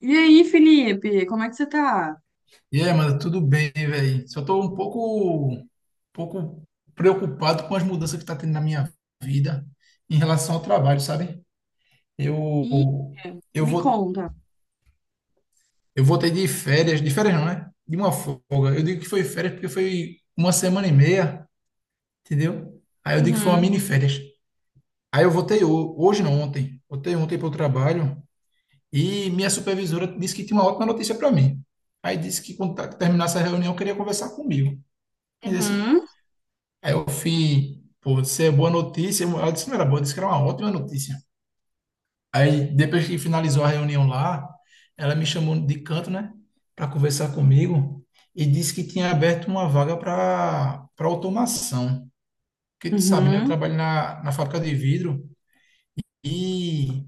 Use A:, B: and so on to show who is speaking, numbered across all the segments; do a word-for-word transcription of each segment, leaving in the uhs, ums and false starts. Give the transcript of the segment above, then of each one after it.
A: E aí, Felipe, como é que você tá?
B: E aí, mano, tudo bem, velho? Só tô um pouco, um pouco preocupado com as mudanças que tá tendo na minha vida em relação ao trabalho, sabe?
A: Ih,
B: Eu, eu
A: me
B: vou,
A: conta.
B: eu voltei de férias, de férias não, né? De uma folga. Eu digo que foi férias porque foi uma semana e meia, entendeu? Aí eu digo que foi uma
A: Uhum,
B: mini férias. Aí eu voltei ho- hoje, não, ontem. Voltei ontem para o trabalho e minha supervisora disse que tinha uma ótima notícia para mim. Aí disse que quando tá- terminasse a reunião, queria conversar comigo. Entendeu?
A: uhum,
B: Aí eu fui, pô, isso é boa notícia. Ela disse que não era boa, disse que era uma ótima notícia. Aí depois que finalizou a reunião lá, ela me chamou de canto, né, para conversar comigo e disse que tinha aberto uma vaga para para automação. Porque tu sabe, né, eu
A: uhum.
B: trabalho na, na fábrica de vidro e,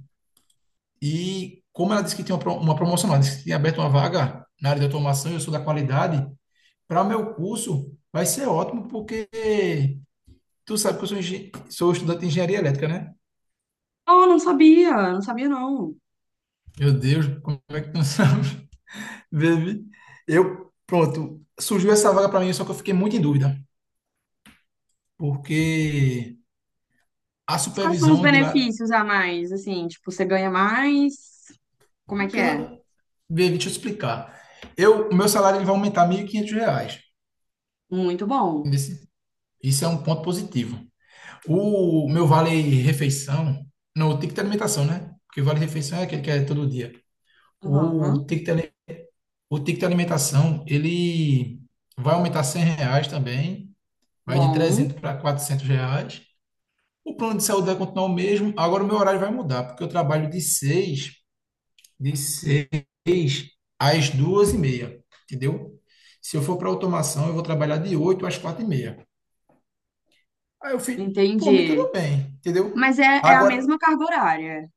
B: e como ela disse que tinha uma, pro- uma promoção lá, disse que tinha aberto uma vaga na área de automação e eu sou da qualidade, para meu curso vai ser ótimo porque tu sabe que eu sou, engen- sou estudante de engenharia elétrica, né?
A: Oh, não sabia, não sabia não.
B: Meu Deus, como é que tu não sabe? Baby, eu, pronto, surgiu essa vaga para mim, só que eu fiquei muito em dúvida, porque a
A: Mas quais são os
B: supervisão de lá.
A: benefícios a mais, assim? Tipo, você ganha mais? Como é que é?
B: gan- Baby, deixa eu explicar. Eu, o meu salário ele vai aumentar mil e quinhentos reais.
A: Muito bom.
B: Entendesse? Isso é um ponto positivo. O meu vale refeição, não, o ticket de alimentação, né? Porque vale refeição é aquele que é todo dia.
A: Uhum,
B: O ticket, ali- o ticket de alimentação, ele vai aumentar cem reais também. Vai de
A: bom,
B: trezentos para quatrocentos reais. O plano de saúde vai continuar o mesmo. Agora o meu horário vai mudar, porque eu trabalho de seis, de seis às duas e meia, entendeu? Se eu for para automação, eu vou trabalhar de oito às quatro e meia. Aí eu fiz, por mim
A: entendi.
B: tudo bem, entendeu?
A: Mas é, é a
B: Agora,
A: mesma carga horária?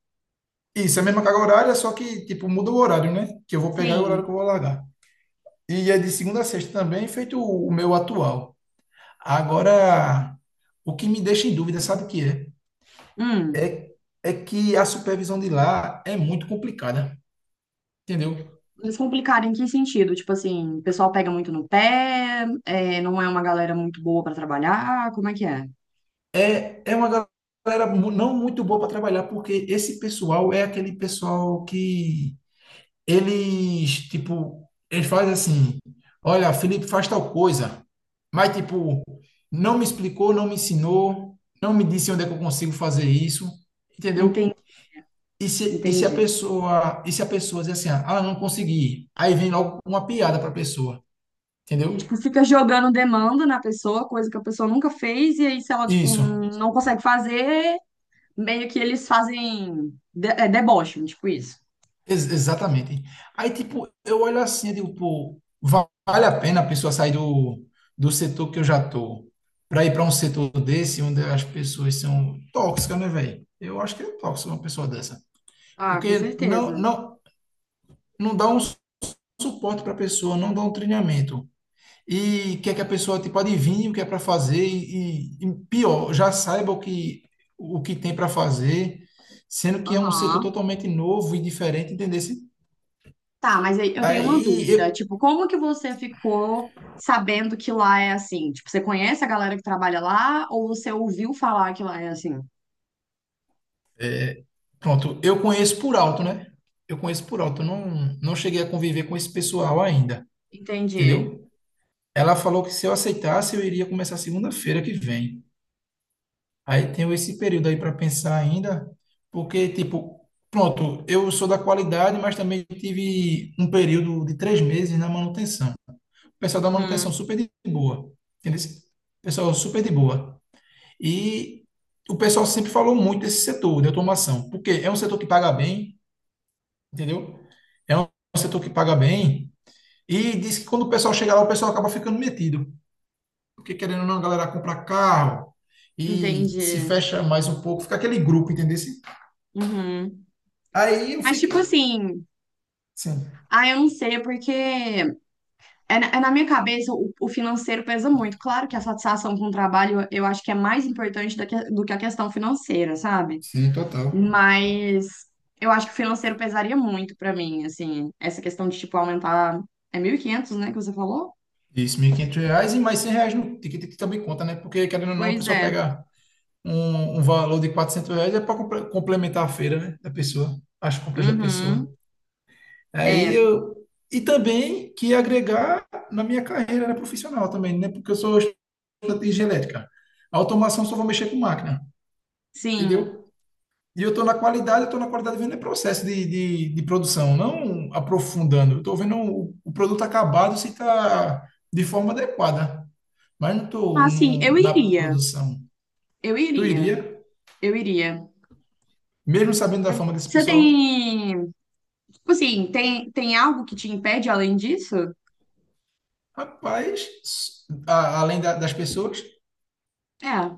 B: isso, é a mesma carga horária, só que, tipo, muda o horário, né? Que eu vou pegar e o horário
A: Sim.
B: que eu vou largar. E é de segunda a sexta também, feito o o meu atual. Agora, o que me deixa em dúvida, sabe o que é?
A: Hum.
B: É, é que a supervisão de lá é muito complicada, entendeu?
A: Mas complicado em que sentido? Tipo assim, o pessoal pega muito no pé, é, não é uma galera muito boa pra trabalhar, como é que é?
B: É, é uma galera mu- não muito boa para trabalhar, porque esse pessoal é aquele pessoal que eles, tipo, eles fazem assim, olha, Felipe faz tal coisa, mas, tipo, não me explicou, não me ensinou, não me disse onde é que eu consigo fazer isso, entendeu? E se, e se a
A: Entendi.
B: pessoa, e se a pessoa diz assim, ah, não consegui, aí vem logo uma piada para a pessoa,
A: E, tipo,
B: entendeu?
A: fica jogando demanda na pessoa, coisa que a pessoa nunca fez, e aí, se ela, tipo,
B: Isso.
A: não consegue fazer, meio que eles fazem de é, deboche, tipo isso.
B: Ex- exatamente. Aí, tipo, eu olho assim e digo, pô, va- vale a pena a pessoa sair do, do setor que eu já tô para ir para um setor desse, onde as pessoas são tóxicas, né, velho? Eu acho que é tóxico uma pessoa dessa.
A: Ah, com
B: Porque não,
A: certeza.
B: não, não dá um su- suporte para a pessoa, não dá um treinamento. E quer que a pessoa, tipo, adivinhe o que é para fazer e, e, pior, já saiba o que, o que tem para fazer, sendo que é um setor
A: Aham.
B: totalmente novo e diferente, entendeu?
A: Tá, mas aí eu tenho uma
B: Aí
A: dúvida.
B: eu,
A: Tipo, como que você ficou sabendo que lá é assim? Tipo, você conhece a galera que trabalha lá, ou você ouviu falar que lá é assim?
B: Pronto, eu conheço por alto, né? Eu conheço por alto, eu não, não cheguei a conviver com esse pessoal ainda,
A: Entendi.
B: entendeu? Ela falou que se eu aceitasse, eu iria começar segunda-feira que vem. Aí tenho esse período aí para pensar ainda, porque, tipo, pronto, eu sou da qualidade, mas também tive um período de três meses na manutenção. O pessoal da manutenção
A: Uhum.
B: super de boa, entendeu? O pessoal super de boa. E o pessoal sempre falou muito desse setor de automação, porque é um setor que paga bem, entendeu? É um setor que paga bem e diz que quando o pessoal chega lá, o pessoal acaba ficando metido, porque querendo ou não, a galera compra carro e se
A: Entendi.
B: fecha mais um pouco, fica aquele grupo, entendeu?
A: Uhum.
B: Aí eu
A: Mas,
B: fiquei
A: tipo assim,
B: assim,
A: ah, eu não sei, porque é, na é na minha cabeça, o, o financeiro pesa muito. Claro que a satisfação com o trabalho eu eu acho que é mais importante do que, do que a questão financeira, sabe?
B: sim, total.
A: Mas eu acho que o financeiro pesaria muito pra mim, assim, essa questão de, tipo, aumentar. É mil e quinhentos, né, que você falou?
B: Isso, mil e quinhentos reais e mais cem reais no ticket que também conta, né? Porque querendo ou não, a
A: Pois
B: pessoa
A: é.
B: pega um, um valor de quatrocentos reais é para complementar a feira, né? Da pessoa, as compras da
A: Uhum.
B: pessoa. Aí
A: É,
B: eu. E também que agregar na minha carreira, né, profissional também, né? Porque eu sou de genética. A automação só vou mexer com máquina,
A: sim.
B: entendeu? E eu estou na qualidade, eu estou na qualidade vendo o processo de, de, de produção, não aprofundando. Eu estou vendo o, o produto acabado se está de forma adequada, mas não estou
A: Ah, sim, eu
B: na
A: iria.
B: produção.
A: Eu
B: Tu
A: iria.
B: iria,
A: Eu iria.
B: mesmo sabendo da fama desse
A: Você
B: pessoal?
A: tem. Tipo assim, tem, tem algo que te impede além disso?
B: Rapaz, a- além da- das pessoas,
A: É.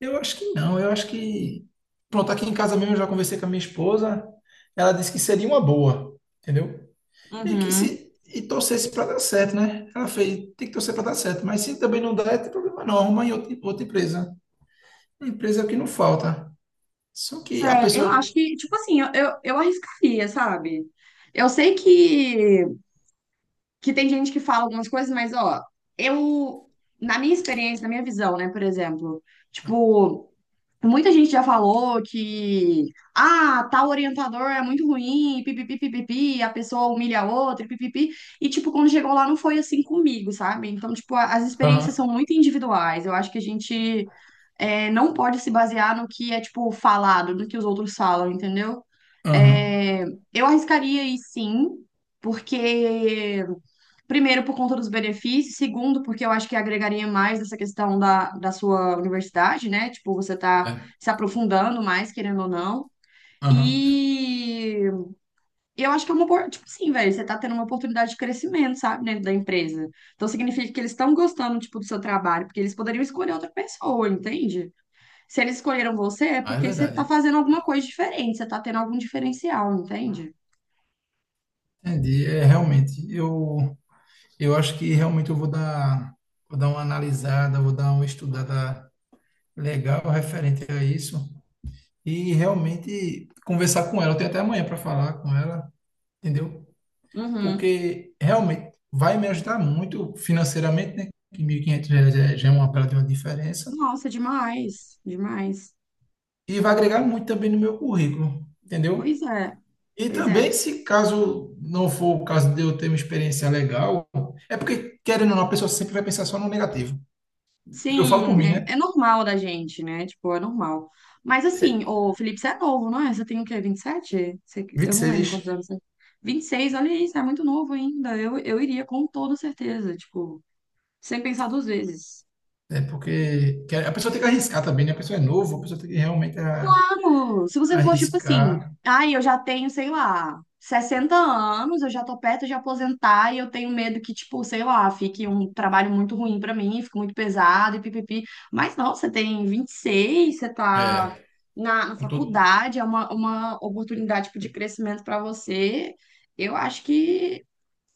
B: eu acho que não. Eu acho que. Pronto, aqui em casa mesmo eu já conversei com a minha esposa, ela disse que seria uma boa, entendeu? E que
A: Uhum.
B: se e torcesse para dar certo, né? Ela fez, tem que torcer para dar certo, mas se também não der, tem problema não, arruma em outra, outra empresa. Empresa é o que não falta. Só que a
A: Sério, eu
B: pessoa.
A: acho que, tipo assim, eu, eu, eu arriscaria, sabe? Eu sei que, que tem gente que fala algumas coisas, mas, ó, eu, na minha experiência, na minha visão, né, por exemplo, tipo, muita gente já falou que, ah, tal orientador é muito ruim, pipipi, pipipi, a pessoa humilha a outra, pipipi, e, tipo, quando chegou lá não foi assim comigo, sabe? Então, tipo, a- as experiências
B: Aham,
A: são muito individuais, eu acho que a gente é, não pode se basear no que é, tipo, falado, no que os outros falam, entendeu?
B: aham,
A: É, eu arriscaria ir sim, porque, primeiro, por conta dos benefícios, segundo, porque eu acho que agregaria mais essa questão da, da sua universidade, né? Tipo, você tá
B: é,
A: se aprofundando mais, querendo ou não.
B: aham.
A: E eu acho que é uma, opor- tipo assim, velho, você tá tendo uma oportunidade de crescimento, sabe, dentro da empresa. Então significa que eles estão gostando, tipo, do seu trabalho, porque eles poderiam escolher outra pessoa, entende? Se eles escolheram você, é
B: Ah, é
A: porque você tá
B: verdade.
A: fazendo alguma coisa diferente, você tá tendo algum diferencial, entende?
B: Entendi. É, realmente, eu, eu acho que realmente eu vou dar, vou dar uma analisada, vou dar uma estudada legal referente a isso e realmente conversar com ela. Eu tenho até amanhã para falar com ela, entendeu?
A: Uhum.
B: Porque realmente vai me ajudar muito financeiramente, né? Que mil e quinhentos reais é- já é uma bela de uma diferença.
A: Nossa, demais, demais.
B: E vai agregar muito também no meu currículo, entendeu?
A: Pois é,
B: E
A: pois
B: também,
A: é.
B: se caso não for o caso de eu ter uma experiência legal, é porque, querendo ou não, a pessoa sempre vai pensar só no negativo. Eu falo por
A: Sim,
B: mim,
A: é,
B: né?
A: é normal da gente, né? Tipo, é normal. Mas assim, o Felipe, você é novo, não é? Você tem o quê? vinte e sete? Você,
B: vinte
A: eu
B: e
A: não lembro quantos
B: seis
A: anos você tem. Vinte e seis, olha isso, é muito novo ainda. Eu, eu iria com toda certeza, tipo, sem pensar duas vezes.
B: É porque quer- a pessoa tem que arriscar também, né? A pessoa é novo, a pessoa tem que realmente a-
A: Mano, se você for tipo assim,
B: arriscar.
A: ai, eu já tenho, sei lá, sessenta anos, eu já tô perto de aposentar e eu tenho medo que, tipo, sei lá, fique um trabalho muito ruim pra mim, fique muito pesado e pipipi. Mas não, você tem vinte e seis, você tá
B: É,
A: na, na
B: com todo.
A: faculdade, é uma, uma oportunidade, tipo, de crescimento pra você. Eu acho que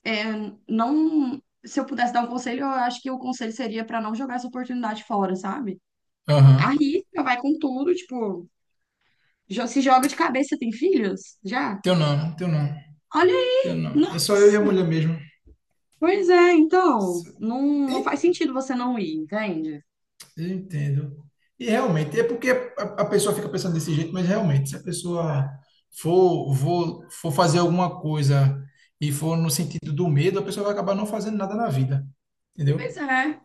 A: é, não. Se eu pudesse dar um conselho, eu acho que o conselho seria pra não jogar essa oportunidade fora, sabe?
B: Aham.
A: Arrisca, vai com tudo, tipo. Já se joga de cabeça, tem filhos? Já?
B: Teu não, teu não,
A: Olha
B: teu
A: aí!
B: não. É só eu e a mulher
A: Nossa!
B: mesmo.
A: Pois é, então,
B: Se-
A: não,
B: E-
A: não faz sentido você não ir, entende?
B: Eu entendo. E realmente, é porque a, a pessoa fica pensando desse jeito, mas realmente, se a pessoa for, for, for fazer alguma coisa e for no sentido do medo, a pessoa vai acabar não fazendo nada na vida.
A: Pois
B: Entendeu?
A: é.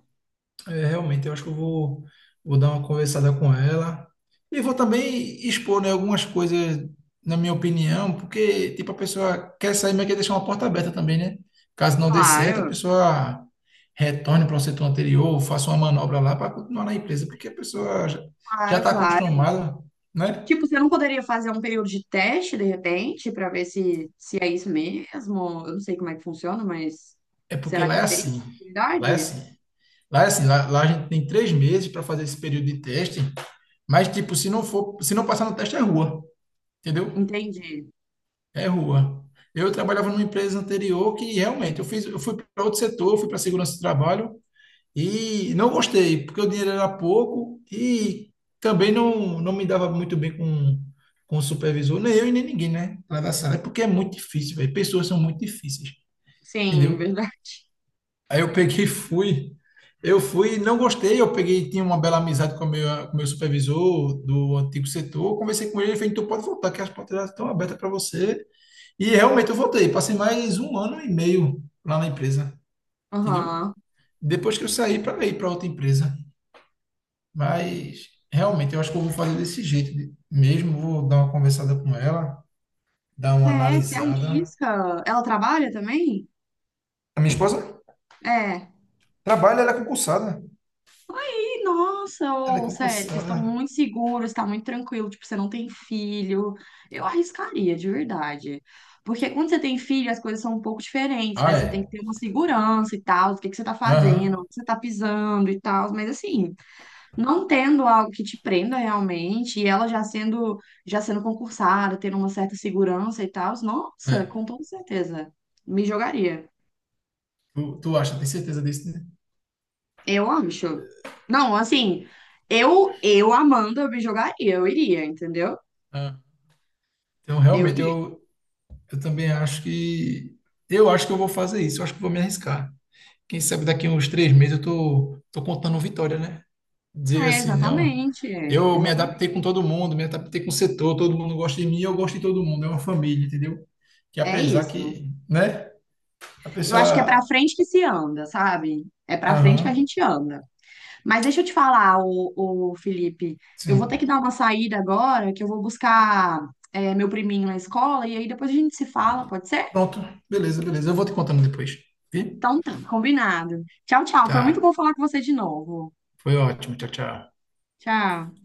B: É, realmente, eu acho que eu vou, vou dar uma conversada com ela e vou também expor, né, algumas coisas, na minha opinião, porque, tipo, a pessoa quer sair, mas quer deixar uma porta aberta também, né? Caso não dê certo, a
A: Claro,
B: pessoa retorne para o setor anterior, faça uma manobra lá para continuar na empresa, porque a pessoa já
A: claro,
B: está
A: claro.
B: acostumada, né?
A: Tipo, você não poderia fazer um período de teste, de repente, para ver se, se é isso mesmo? Eu não sei como é que funciona, mas
B: É porque
A: será que
B: lá é
A: não teria essa
B: assim, lá é
A: possibilidade?
B: assim. Lá é assim, lá, lá a gente tem três meses para fazer esse período de teste, mas, tipo, se não for, se não passar no teste, é rua, entendeu?
A: Entendi.
B: É rua. Eu trabalhava numa empresa anterior que realmente eu fiz, eu fui para outro setor, fui para segurança do trabalho e não gostei, porque o dinheiro era pouco e também não, não me dava muito bem com, com o supervisor, nem eu e nem ninguém, né? Lá da sala, é porque é muito difícil, velho. Pessoas são muito difíceis,
A: Sim,
B: entendeu?
A: verdade.
B: Aí eu peguei e fui. Eu fui, não gostei, eu peguei, tinha uma bela amizade com o meu, com o meu supervisor do antigo setor, conversei com ele, ele fez, então pode voltar, que as portas já estão abertas para você. E realmente eu voltei. Passei mais um ano e meio lá na empresa, entendeu?
A: Aham.
B: Depois que eu saí para ir para outra empresa. Mas realmente eu acho que eu vou fazer desse jeito de- mesmo. Vou dar uma conversada com ela, dar uma
A: É, se
B: analisada.
A: arrisca. Ela trabalha também?
B: A minha esposa
A: É.
B: trabalha, ela é concursada.
A: Nossa,
B: Ela é
A: ô, sério, vocês estão
B: concursada.
A: muito seguros, tá muito tranquilo, tipo, você não tem filho. Eu arriscaria, de verdade. Porque quando você tem filho, as coisas são um pouco diferentes, né?
B: Ah,
A: Você tem que
B: é?
A: ter uma segurança e tal, do que que você tá fazendo,
B: Aham.
A: onde você tá pisando e tal, mas assim, não tendo algo que te prenda realmente, e ela já sendo, já sendo concursada, tendo uma certa segurança e tal, nossa,
B: É.
A: com toda certeza, me jogaria.
B: Tu, tu acha, tem certeza disso, né?
A: Eu acho. Não, assim, eu eu amando, eu me jogaria, eu iria, entendeu?
B: Ah. Então,
A: Eu
B: realmente,
A: iria.
B: eu, eu, também acho que. Eu acho que eu vou fazer isso. Eu acho que vou me arriscar. Quem sabe daqui a uns três meses eu tô, tô contando vitória, né? Dizer
A: É,
B: assim, não,
A: exatamente, é,
B: eu me
A: exatamente.
B: adaptei com todo mundo, me adaptei com o setor, todo mundo gosta de mim, eu gosto de todo mundo, é uma família, entendeu? Que
A: É
B: apesar
A: isso.
B: que, né, a
A: Eu acho que é pra
B: pessoa,
A: frente que se anda, sabe? É pra frente que
B: aham,
A: a gente anda. Mas deixa eu te falar, o, Felipe, eu vou ter
B: sim.
A: que dar uma saída agora, que eu vou buscar é, meu priminho na escola, e aí depois a gente se fala, pode ser?
B: Pronto, beleza, beleza. Eu vou te contando depois. Vi?
A: Então tá, combinado. Tchau, tchau. Foi muito
B: Tá.
A: bom falar com você de novo.
B: Foi ótimo. Tchau, tchau.
A: Tchau.